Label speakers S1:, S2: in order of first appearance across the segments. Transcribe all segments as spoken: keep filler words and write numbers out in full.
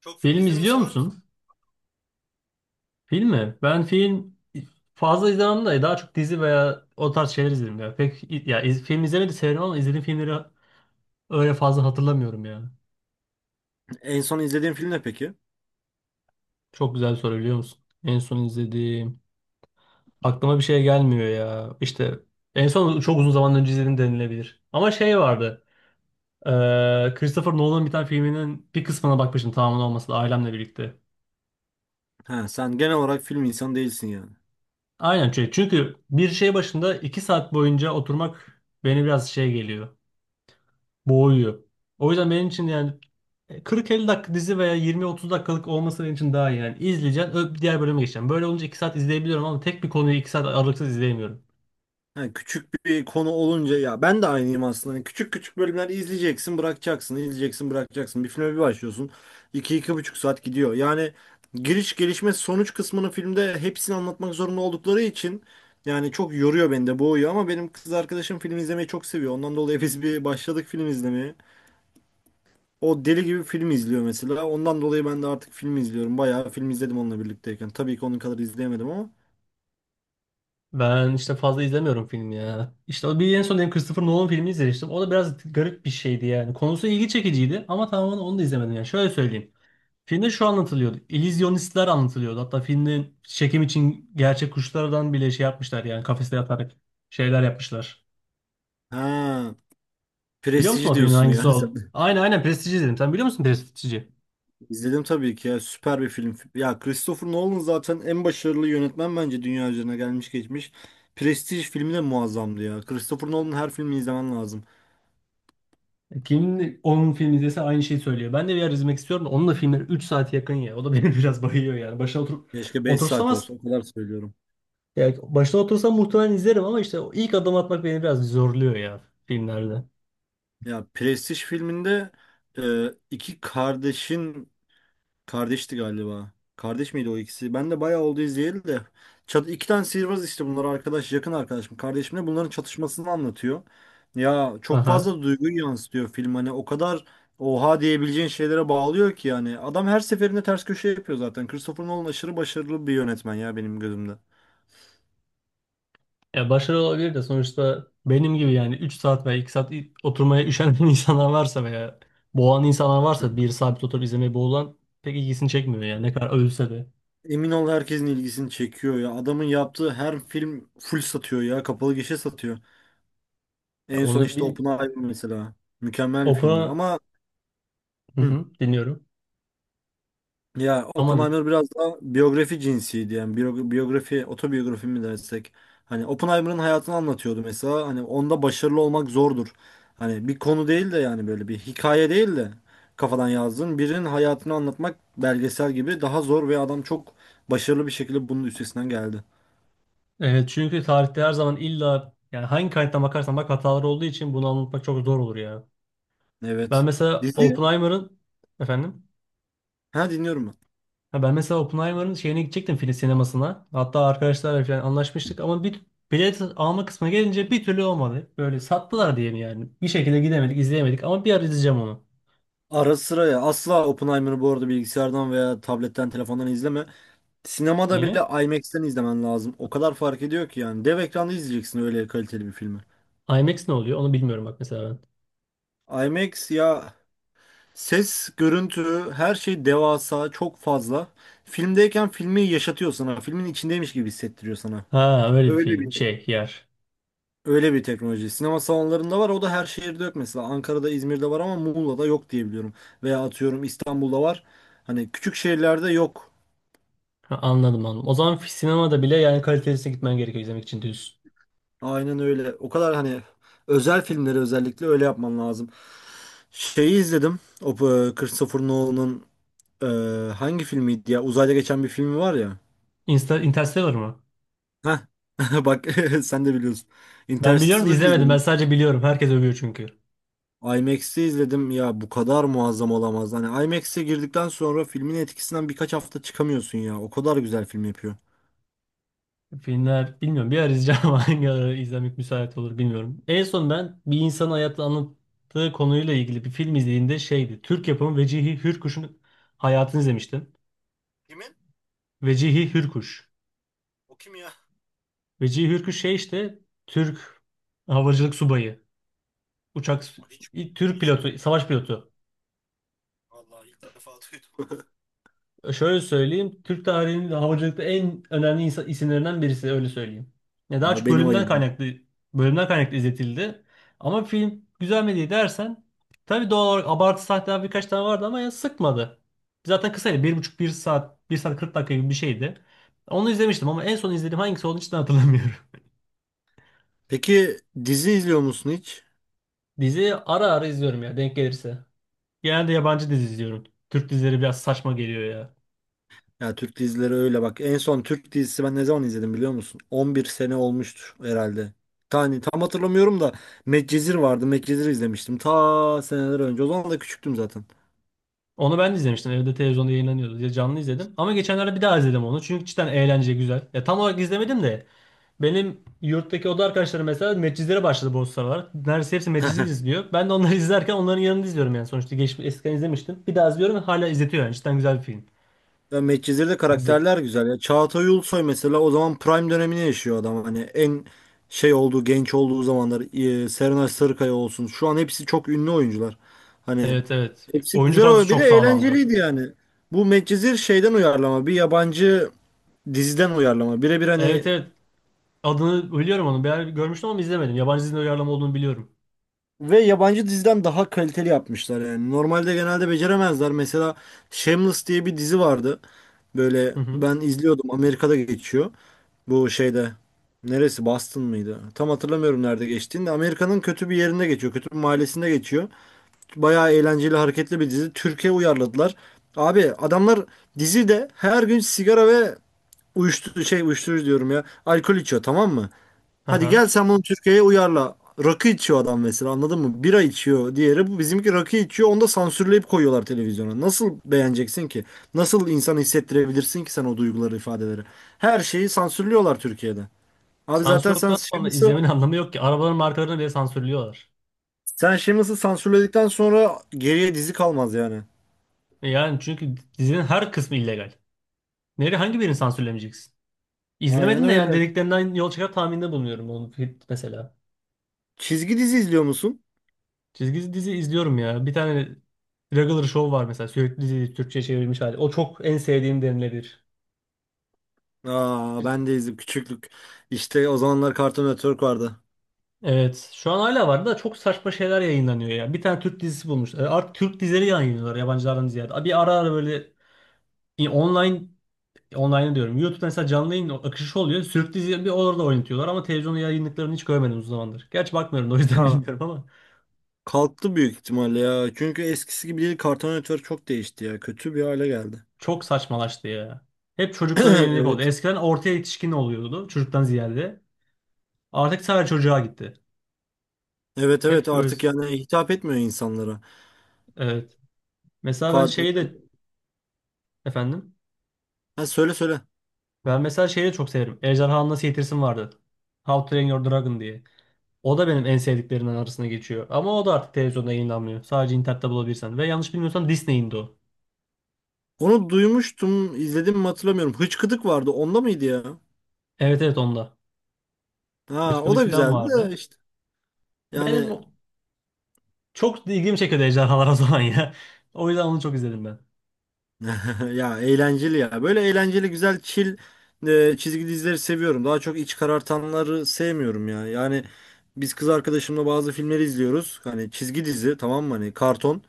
S1: Çok film
S2: Film
S1: izlemeyi
S2: izliyor
S1: sever misin?
S2: musun? Film mi? Ben film fazla izlemem de daha çok dizi veya o tarz şeyler izlerim ya. Pek ya iz- film izlemeyi de severim ama izlediğim filmleri öyle fazla hatırlamıyorum ya.
S1: En son izlediğin film ne peki?
S2: Çok güzel bir soru biliyor musun? En son izlediğim aklıma bir şey gelmiyor ya. İşte en son çok uzun zaman önce izledim denilebilir. Ama şey vardı. Eee Christopher Nolan'ın bir tane filminin bir kısmına bakmıştım tamamen olmasa da ailemle birlikte.
S1: Ha, sen genel olarak film insanı değilsin yani.
S2: Aynen, çünkü çünkü bir şey başında iki saat boyunca oturmak beni biraz şey geliyor, boğuyor. O yüzden benim için yani kırk elli dakika dizi veya yirmi otuz dakikalık olması benim için daha iyi. Yani izleyeceğim, öp diğer bölüme geçeceğim. Böyle olunca iki saat izleyebiliyorum ama tek bir konuyu iki saat aralıksız izleyemiyorum.
S1: Ha, küçük bir konu olunca ya ben de aynıyım aslında. Hani küçük küçük bölümler izleyeceksin, bırakacaksın, izleyeceksin, bırakacaksın. Bir filme bir başlıyorsun. İki iki buçuk saat gidiyor. Yani giriş, gelişme, sonuç kısmını filmde hepsini anlatmak zorunda oldukları için yani çok yoruyor beni de boğuyor ama benim kız arkadaşım film izlemeyi çok seviyor. Ondan dolayı biz bir başladık film izlemeye. O deli gibi film izliyor mesela. Ondan dolayı ben de artık film izliyorum. Bayağı film izledim onunla birlikteyken. Tabii ki onun kadar izleyemedim ama.
S2: Ben işte fazla izlemiyorum film ya. İşte o bir en son benim Christopher Nolan filmi izlemiştim. O da biraz garip bir şeydi yani. Konusu ilgi çekiciydi ama tamamen onu da izlemedim yani. Şöyle söyleyeyim. Filmde şu anlatılıyordu. İllüzyonistler anlatılıyordu. Hatta filmin çekim için gerçek kuşlardan bile şey yapmışlar yani kafeste yatarak şeyler yapmışlar.
S1: Ha,
S2: Biliyor musun
S1: Prestiji
S2: o filmin
S1: diyorsun ya
S2: hangisi o?
S1: sen.
S2: Aynen, aynen, Prestij'i izledim. Sen biliyor musun Prestij'i?
S1: İzledim tabii ki ya. Süper bir film. Ya Christopher Nolan zaten en başarılı yönetmen bence dünya üzerine gelmiş geçmiş. Prestij filmi de muazzamdı ya. Christopher Nolan'ın her filmini izlemen lazım.
S2: Kim onun filmi izlese aynı şeyi söylüyor. Ben de bir ara izlemek istiyorum da onun da filmleri üç saate yakın ya. O da beni biraz bayıyor yani. Başına oturup
S1: Keşke beş
S2: otursam
S1: saat
S2: az.
S1: olsa. O kadar söylüyorum.
S2: Yani başına otursam muhtemelen izlerim ama işte o ilk adım atmak beni biraz zorluyor ya filmlerde.
S1: Ya Prestij filminde e, iki kardeşin. Kardeşti galiba. Kardeş miydi o ikisi? Ben de bayağı oldu izleyeli de. Çat iki tane sihirbaz işte bunlar arkadaş, yakın arkadaşım, kardeşimle bunların çatışmasını anlatıyor. Ya çok
S2: Aha.
S1: fazla duyguyu yansıtıyor film hani o kadar oha diyebileceğin şeylere bağlıyor ki yani. Adam her seferinde ters köşe yapıyor zaten. Christopher Nolan aşırı başarılı bir yönetmen ya benim gözümde.
S2: Ya başarılı olabilir de sonuçta benim gibi yani üç saat veya iki saat i- oturmaya üşenen insanlar varsa veya boğan insanlar varsa bir sabit oturup izlemeye boğulan pek ilgisini çekmiyor yani ne kadar övülse de.
S1: Emin ol herkesin ilgisini çekiyor ya. Adamın yaptığı her film full satıyor ya. Kapalı gişe satıyor.
S2: Ya
S1: En son
S2: onu
S1: işte
S2: benim
S1: Oppenheimer mesela. Mükemmel bir filmdi
S2: opera.
S1: ama
S2: Hı
S1: hı.
S2: hı, dinliyorum.
S1: Ya
S2: Ama
S1: Oppenheimer biraz daha biyografi cinsiydi yani biyo- biyografi otobiyografi mi dersek hani Oppenheimer'ın hayatını anlatıyordu mesela hani onda başarılı olmak zordur. Hani bir konu değil de yani böyle bir hikaye değil de kafadan yazdığın birinin hayatını anlatmak belgesel gibi daha zor ve adam çok başarılı bir şekilde bunun üstesinden geldi.
S2: e, çünkü tarihte her zaman illa yani hangi kaynaktan bakarsan bak hatalar olduğu için bunu anlatmak çok zor olur ya. Ben
S1: Evet.
S2: mesela
S1: Dizi
S2: Oppenheimer'ın, efendim,
S1: ha dinliyorum ben.
S2: ha, ben mesela Oppenheimer'ın şeyine gidecektim film sinemasına. Hatta arkadaşlarla falan anlaşmıştık ama bir bilet alma kısmına gelince bir türlü olmadı. Böyle sattılar diye mi yani? Bir şekilde gidemedik, izleyemedik ama bir ara izleyeceğim onu.
S1: Ara sıra ya asla Oppenheimer'ı bu arada bilgisayardan veya tabletten telefondan izleme. Sinemada
S2: Niye?
S1: bile IMAX'ten izlemen lazım. O kadar fark ediyor ki yani. Dev ekranda izleyeceksin öyle kaliteli bir filmi.
S2: IMAX ne oluyor? Onu bilmiyorum bak mesela ben.
S1: IMAX ya ses, görüntü, her şey devasa, çok fazla. Filmdeyken filmi yaşatıyor sana. Filmin içindeymiş gibi hissettiriyor sana.
S2: Ha öyle bir
S1: Öyle
S2: film
S1: bir
S2: şey yer.
S1: öyle bir teknoloji. Sinema salonlarında var. O da her şehirde yok mesela. Ankara'da, İzmir'de var ama Muğla'da yok diye biliyorum. Veya atıyorum İstanbul'da var. Hani küçük şehirlerde yok.
S2: Ha, anladım, anladım. O zaman sinemada bile yani kalitesine gitmen gerekiyor izlemek için diyorsun.
S1: Aynen öyle. O kadar hani özel filmleri özellikle öyle yapman lazım. Şeyi izledim. O e, Christopher Nolan'ın e, hangi filmiydi ya? Uzayda geçen bir filmi var ya.
S2: Insta Interstellar mı?
S1: Heh. Bak sen de biliyorsun.
S2: Ben biliyorum da
S1: Interstellar'ı
S2: izlemedim. Ben
S1: izledim.
S2: sadece biliyorum. Herkes övüyor çünkü.
S1: IMAX'i izledim. Ya bu kadar muazzam olamaz. Hani IMAX'e girdikten sonra filmin etkisinden birkaç hafta çıkamıyorsun ya. O kadar güzel film yapıyor.
S2: Filmler bilmiyorum. Bir ara izleyeceğim ama hangi ara izlemek müsait olur bilmiyorum. En son ben bir insanın hayatını anlattığı konuyla ilgili bir film izlediğimde şeydi. Türk yapımı Vecihi Hürkuş'un hayatını izlemiştim.
S1: Kimin?
S2: Vecihi Hürkuş.
S1: O kim ya?
S2: Vecihi Hürkuş şey işte Türk havacılık subayı. Uçak
S1: O hiçbir,
S2: ilk Türk
S1: hiçbir.
S2: pilotu, savaş pilotu.
S1: Vallahi ilk defa duydum.
S2: Şöyle söyleyeyim. Türk tarihinin havacılıkta en önemli insan, isimlerinden birisi, öyle söyleyeyim. Ya
S1: Ya,
S2: daha
S1: o
S2: çok
S1: benim
S2: bölümden
S1: ayıbım.
S2: kaynaklı bölümden kaynaklı izletildi. Ama film güzel mi diye dersen tabii doğal olarak abartı sahneler birkaç tane vardı ama ya sıkmadı. Zaten kısaydı. Bir buçuk, bir saat, bir saat kırk dakika gibi bir şeydi. Onu izlemiştim ama en son izlediğim hangisi olduğunu hiç de hatırlamıyorum.
S1: Peki dizi izliyor musun hiç?
S2: Dizi ara ara izliyorum ya, denk gelirse. Genelde yabancı dizi izliyorum. Türk dizileri biraz saçma geliyor ya.
S1: Ya Türk dizileri öyle bak. En son Türk dizisi ben ne zaman izledim biliyor musun? on bir sene olmuştur herhalde. Tane tam hatırlamıyorum da Medcezir vardı. Medcezir izlemiştim. Ta seneler önce. O zaman da küçüktüm zaten.
S2: Onu ben de izlemiştim. Evde televizyonda yayınlanıyordu diye canlı izledim. Ama geçenlerde bir daha izledim onu. Çünkü cidden eğlence güzel. Ya tam olarak izlemedim de benim yurttaki oda arkadaşlarım mesela medcizlere başladı bu sıralar. Neredeyse hepsi meczi izliyor. Ben de onları izlerken onların yanında izliyorum yani. Sonuçta geçmiş eskiden izlemiştim. Bir daha izliyorum ve hala izletiyor yani. Cidden güzel bir film.
S1: Ya Medcezir'de
S2: Dizi.
S1: karakterler güzel ya. Çağatay Ulusoy mesela o zaman prime dönemini yaşıyor adam. Hani en şey olduğu, genç olduğu zamanlar. Ee, Serenay Sarıkaya olsun. Şu an hepsi çok ünlü oyuncular. Hani
S2: Evet, evet.
S1: hepsi
S2: Oyuncu
S1: güzel
S2: kadrosu
S1: ama bir
S2: çok
S1: de
S2: sağlamdı.
S1: eğlenceliydi yani. Bu Medcezir şeyden uyarlama. Bir yabancı diziden uyarlama. Birebir hani
S2: Evet, evet. Adını biliyorum onu. Bir yer görmüştüm ama izlemedim. Yabancı dizinin uyarlama olduğunu biliyorum.
S1: ve yabancı diziden daha kaliteli yapmışlar yani. Normalde genelde beceremezler. Mesela Shameless diye bir dizi vardı. Böyle
S2: Hı hı.
S1: ben izliyordum. Amerika'da geçiyor. Bu şeyde neresi Boston mıydı? Tam hatırlamıyorum nerede geçtiğini. De. Amerika'nın kötü bir yerinde geçiyor. Kötü bir mahallesinde geçiyor. Bayağı eğlenceli, hareketli bir dizi. Türkiye uyarladılar. Abi adamlar dizide her gün sigara ve uyuşturucu şey uyuşturucu diyorum ya. Alkol içiyor tamam mı?
S2: Hı
S1: Hadi
S2: hı.
S1: gel sen bunu Türkiye'ye uyarla. Rakı içiyor adam mesela anladın mı? Bira içiyor diğeri. Bu bizimki rakı içiyor. Onu da sansürleyip koyuyorlar televizyona. Nasıl beğeneceksin ki? Nasıl insan hissettirebilirsin ki sen o duyguları, ifadeleri? Her şeyi sansürlüyorlar Türkiye'de. Abi
S2: Sansür
S1: zaten sen
S2: olduktan sonra
S1: Shameless'ı
S2: izlemenin anlamı yok ki. Arabaların markalarını bile sansürlüyorlar.
S1: sen Shameless'ı sansürledikten sonra geriye dizi kalmaz yani.
S2: E yani çünkü dizinin her kısmı illegal. Nereye hangi birini sansürlemeyeceksin?
S1: Aynen
S2: İzlemedim de yani
S1: öyle.
S2: dediklerinden yol çıkar tahminde bulunuyorum onu fi- mesela.
S1: Çizgi dizi izliyor musun?
S2: Çizgi dizi izliyorum ya. Bir tane Regular Show var mesela, sürekli dizi Türkçe'ye çevrilmiş hali. O çok en sevdiğim denilebilir.
S1: Aa, ben de izledim küçüklük. İşte o zamanlar Cartoon Network vardı.
S2: Evet, şu an hala var da çok saçma şeyler yayınlanıyor ya. Bir tane Türk dizisi bulmuş. E, Artık Türk dizileri yayınlıyorlar yabancılardan ziyade. Bir ara ara böyle e, online Online'ı diyorum. YouTube mesela canlı yayın akışı oluyor. Sürüklü dizi bir orada oynatıyorlar ama televizyonda yayınlıklarını hiç görmedim uzun zamandır. Gerçi bakmıyorum da o yüzden
S1: Ha,
S2: bilmiyorum ama
S1: kalktı büyük ihtimalle ya. Çünkü eskisi gibi değil. Kartal Network çok değişti ya. Kötü bir hale geldi.
S2: çok saçmalaştı ya. Hep çocuklara yönelik oldu.
S1: Evet.
S2: Eskiden ortaya yetişkin oluyordu çocuktan ziyade. Artık sadece çocuğa gitti.
S1: Evet, evet,
S2: Hep böyle.
S1: artık yani hitap etmiyor insanlara.
S2: Evet. Mesela ben
S1: Kart...
S2: şeyi de, efendim.
S1: Ha, söyle söyle.
S2: Ben mesela şeyi de çok severim. Ejderhanı Nasıl Eğitirsin vardı. How to Train Your Dragon diye. O da benim en sevdiklerimden arasına geçiyor. Ama o da artık televizyonda yayınlanmıyor. Sadece internette bulabilirsen. Ve yanlış bilmiyorsam Disney'indi o.
S1: Onu duymuştum, izledim mi hatırlamıyorum. Hıçkıdık vardı. Onda mıydı ya?
S2: Evet, evet, onda.
S1: Ha, o
S2: Irkçılık
S1: da
S2: falan
S1: güzeldi
S2: vardı.
S1: de işte.
S2: Benim
S1: Yani
S2: çok ilgimi çekiyordu ejderhalar o zaman ya. O yüzden onu çok izledim ben.
S1: ya eğlenceli ya. Böyle eğlenceli, güzel, chill e, çizgi dizileri seviyorum. Daha çok iç karartanları sevmiyorum ya. Yani biz kız arkadaşımla bazı filmleri izliyoruz. Hani çizgi dizi tamam mı? Hani karton.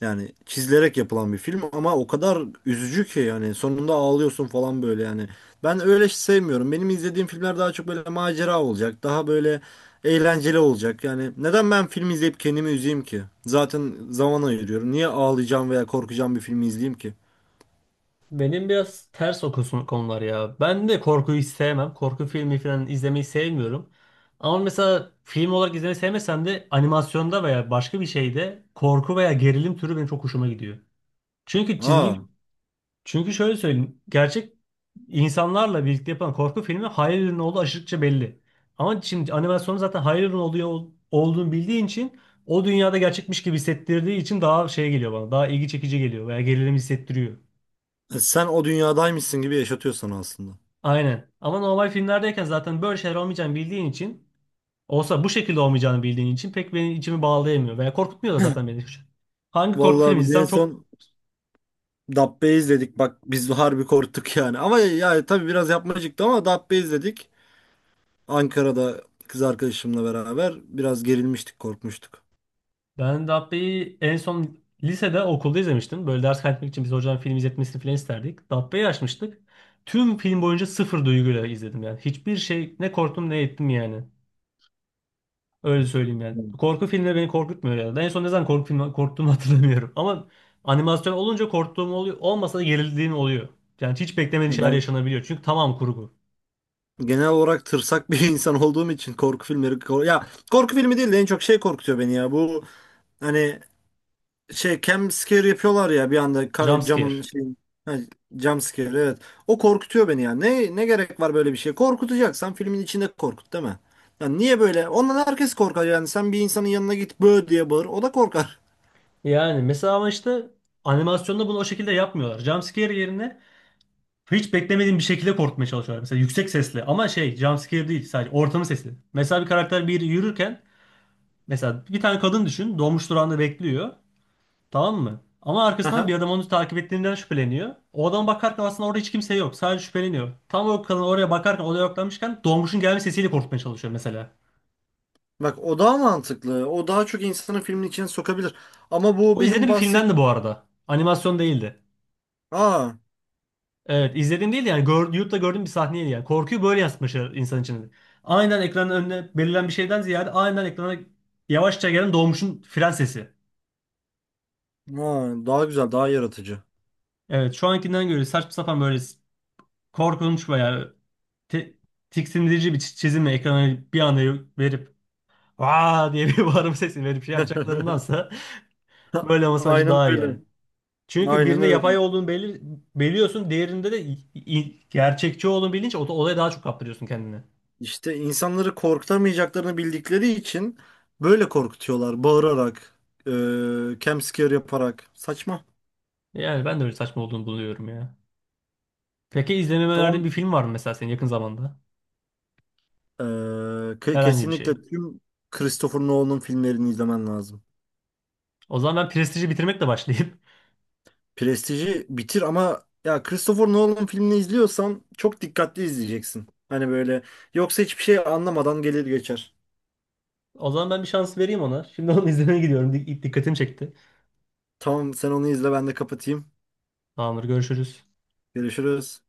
S1: Yani çizilerek yapılan bir film ama o kadar üzücü ki yani sonunda ağlıyorsun falan böyle yani. Ben öyle sevmiyorum. Benim izlediğim filmler daha çok böyle macera olacak. Daha böyle eğlenceli olacak. Yani neden ben film izleyip kendimi üzeyim ki? Zaten zaman ayırıyorum. Niye ağlayacağım veya korkacağım bir filmi izleyeyim ki?
S2: Benim biraz ters o kısım- konular ya. Ben de korkuyu hiç sevmem. Korku filmi falan izlemeyi sevmiyorum. Ama mesela film olarak izlemeyi sevmesem de animasyonda veya başka bir şeyde korku veya gerilim türü benim çok hoşuma gidiyor. Çünkü
S1: Aa,
S2: çizgi Çünkü şöyle söyleyeyim. Gerçek insanlarla birlikte yapılan korku filmi hayal ürünü olduğu aşırıkça belli. Ama şimdi animasyonu zaten hayal ürünü oluyor, olduğunu bildiğin için o dünyada gerçekmiş gibi hissettirdiği için daha şey geliyor bana. Daha ilgi çekici geliyor veya gerilim hissettiriyor.
S1: e, sen o dünyadaymışsın gibi yaşatıyorsun aslında.
S2: Aynen. Ama normal filmlerdeyken zaten böyle şeyler olmayacağını bildiğin için, olsa bu şekilde olmayacağını bildiğin için pek benim içimi bağlayamıyor veya korkutmuyor da zaten beni. Hangi korku
S1: Vallahi
S2: filmi
S1: biz en
S2: izlesem çok.
S1: son Dabbe izledik. Bak biz harbi korktuk yani. Ama yani tabii biraz yapmacıktı ama Dabbe izledik. Ankara'da kız arkadaşımla beraber biraz gerilmiştik, korkmuştuk.
S2: Ben Dabbe'yi en son lisede okulda izlemiştim. Böyle ders kaydetmek için biz hocadan film izletmesini falan isterdik. Dabbe'yi açmıştık. Tüm film boyunca sıfır duyguyla izledim yani. Hiçbir şey, ne korktum ne ettim yani. Öyle söyleyeyim yani.
S1: Hmm.
S2: Korku filmleri beni korkutmuyor ya. En son ne zaman korku filmi korktuğumu hatırlamıyorum. Ama animasyon olunca korktuğum oluyor. Olmasa da gerildiğim oluyor. Yani hiç beklemediğin
S1: Ya
S2: şeyler
S1: ben
S2: yaşanabiliyor. Çünkü tamam, kurgu.
S1: genel olarak tırsak bir insan olduğum için korku filmleri kor- ya korku filmi değil de en çok şey korkutuyor beni ya. Bu hani şey cam scare yapıyorlar ya bir anda
S2: Jump
S1: ka- camın
S2: scare.
S1: şey ha, jump scare evet. O korkutuyor beni ya. Ne ne gerek var böyle bir şeye? Korkutacaksan filmin içinde korkut değil mi? Yani niye böyle? Ondan herkes korkar yani. Sen bir insanın yanına git bö diye bağır. O da korkar.
S2: Yani mesela ama işte animasyonda bunu o şekilde yapmıyorlar. Jump scare yerine hiç beklemediğim bir şekilde korkutmaya çalışıyorlar. Mesela yüksek sesle ama şey jumpscare değil, sadece ortamın sesi. Mesela bir karakter bir yürürken, mesela bir tane kadın düşün dolmuş durağında bekliyor, tamam mı? Ama arkasından bir adam onu takip ettiğinden şüpheleniyor. O adam bakarken aslında orada hiç kimse yok, sadece şüpheleniyor. Tam o kadın oraya bakarken odaya odaklanmışken dolmuşun gelme sesiyle korkutmaya çalışıyor mesela.
S1: Bak o daha mantıklı. O daha çok insanı filmin içine sokabilir. Ama bu
S2: O
S1: benim
S2: izlediğim bir filmden de bu
S1: bahsettiğim...
S2: arada. Animasyon değildi.
S1: Aa,
S2: Evet, izlediğim değil de yani gör, YouTube'da gördüğüm bir sahneydi yani. Korkuyu böyle yansıtmışlar insan içinde. Aynen ekranın önüne belirlen bir şeyden ziyade aynen ekrana yavaşça gelen doğmuşun fren sesi.
S1: aa, daha güzel, daha yaratıcı.
S2: Evet, şu ankinden göre saçma sapan böyle korkunç veya te- tiksindirici bir çi- çizimle ekrana bir anda verip aa diye bir bağırma sesi verip şey yapacaklarındansa böyle olması bence
S1: Aynen
S2: daha iyi
S1: öyle.
S2: yani. Çünkü
S1: Aynen
S2: birinde
S1: öyle.
S2: yapay olduğunu belir biliyorsun, diğerinde de i- i- gerçekçi olduğunu bilince o olaya daha çok kaptırıyorsun kendini.
S1: İşte insanları korkutamayacaklarını bildikleri için böyle korkutuyorlar. Bağırarak, e, jump scare yaparak. Saçma.
S2: Yani ben de öyle saçma olduğunu buluyorum ya. Peki izlememe önerdiğin
S1: Tamam.
S2: bir film var mı mesela senin yakın zamanda?
S1: E, ke-
S2: Herhangi bir
S1: kesinlikle
S2: şey.
S1: tüm Christopher Nolan'ın filmlerini izlemen lazım.
S2: O zaman ben Prestige'i bitirmekle başlayayım.
S1: Prestiji bitir ama ya Christopher Nolan filmini izliyorsan çok dikkatli izleyeceksin. Hani böyle yoksa hiçbir şey anlamadan gelir geçer.
S2: O zaman ben bir şans vereyim ona. Şimdi onu izlemeye gidiyorum. Dik- Dikkatimi çekti.
S1: Tamam sen onu izle ben de kapatayım.
S2: Tamamdır, görüşürüz.
S1: Görüşürüz.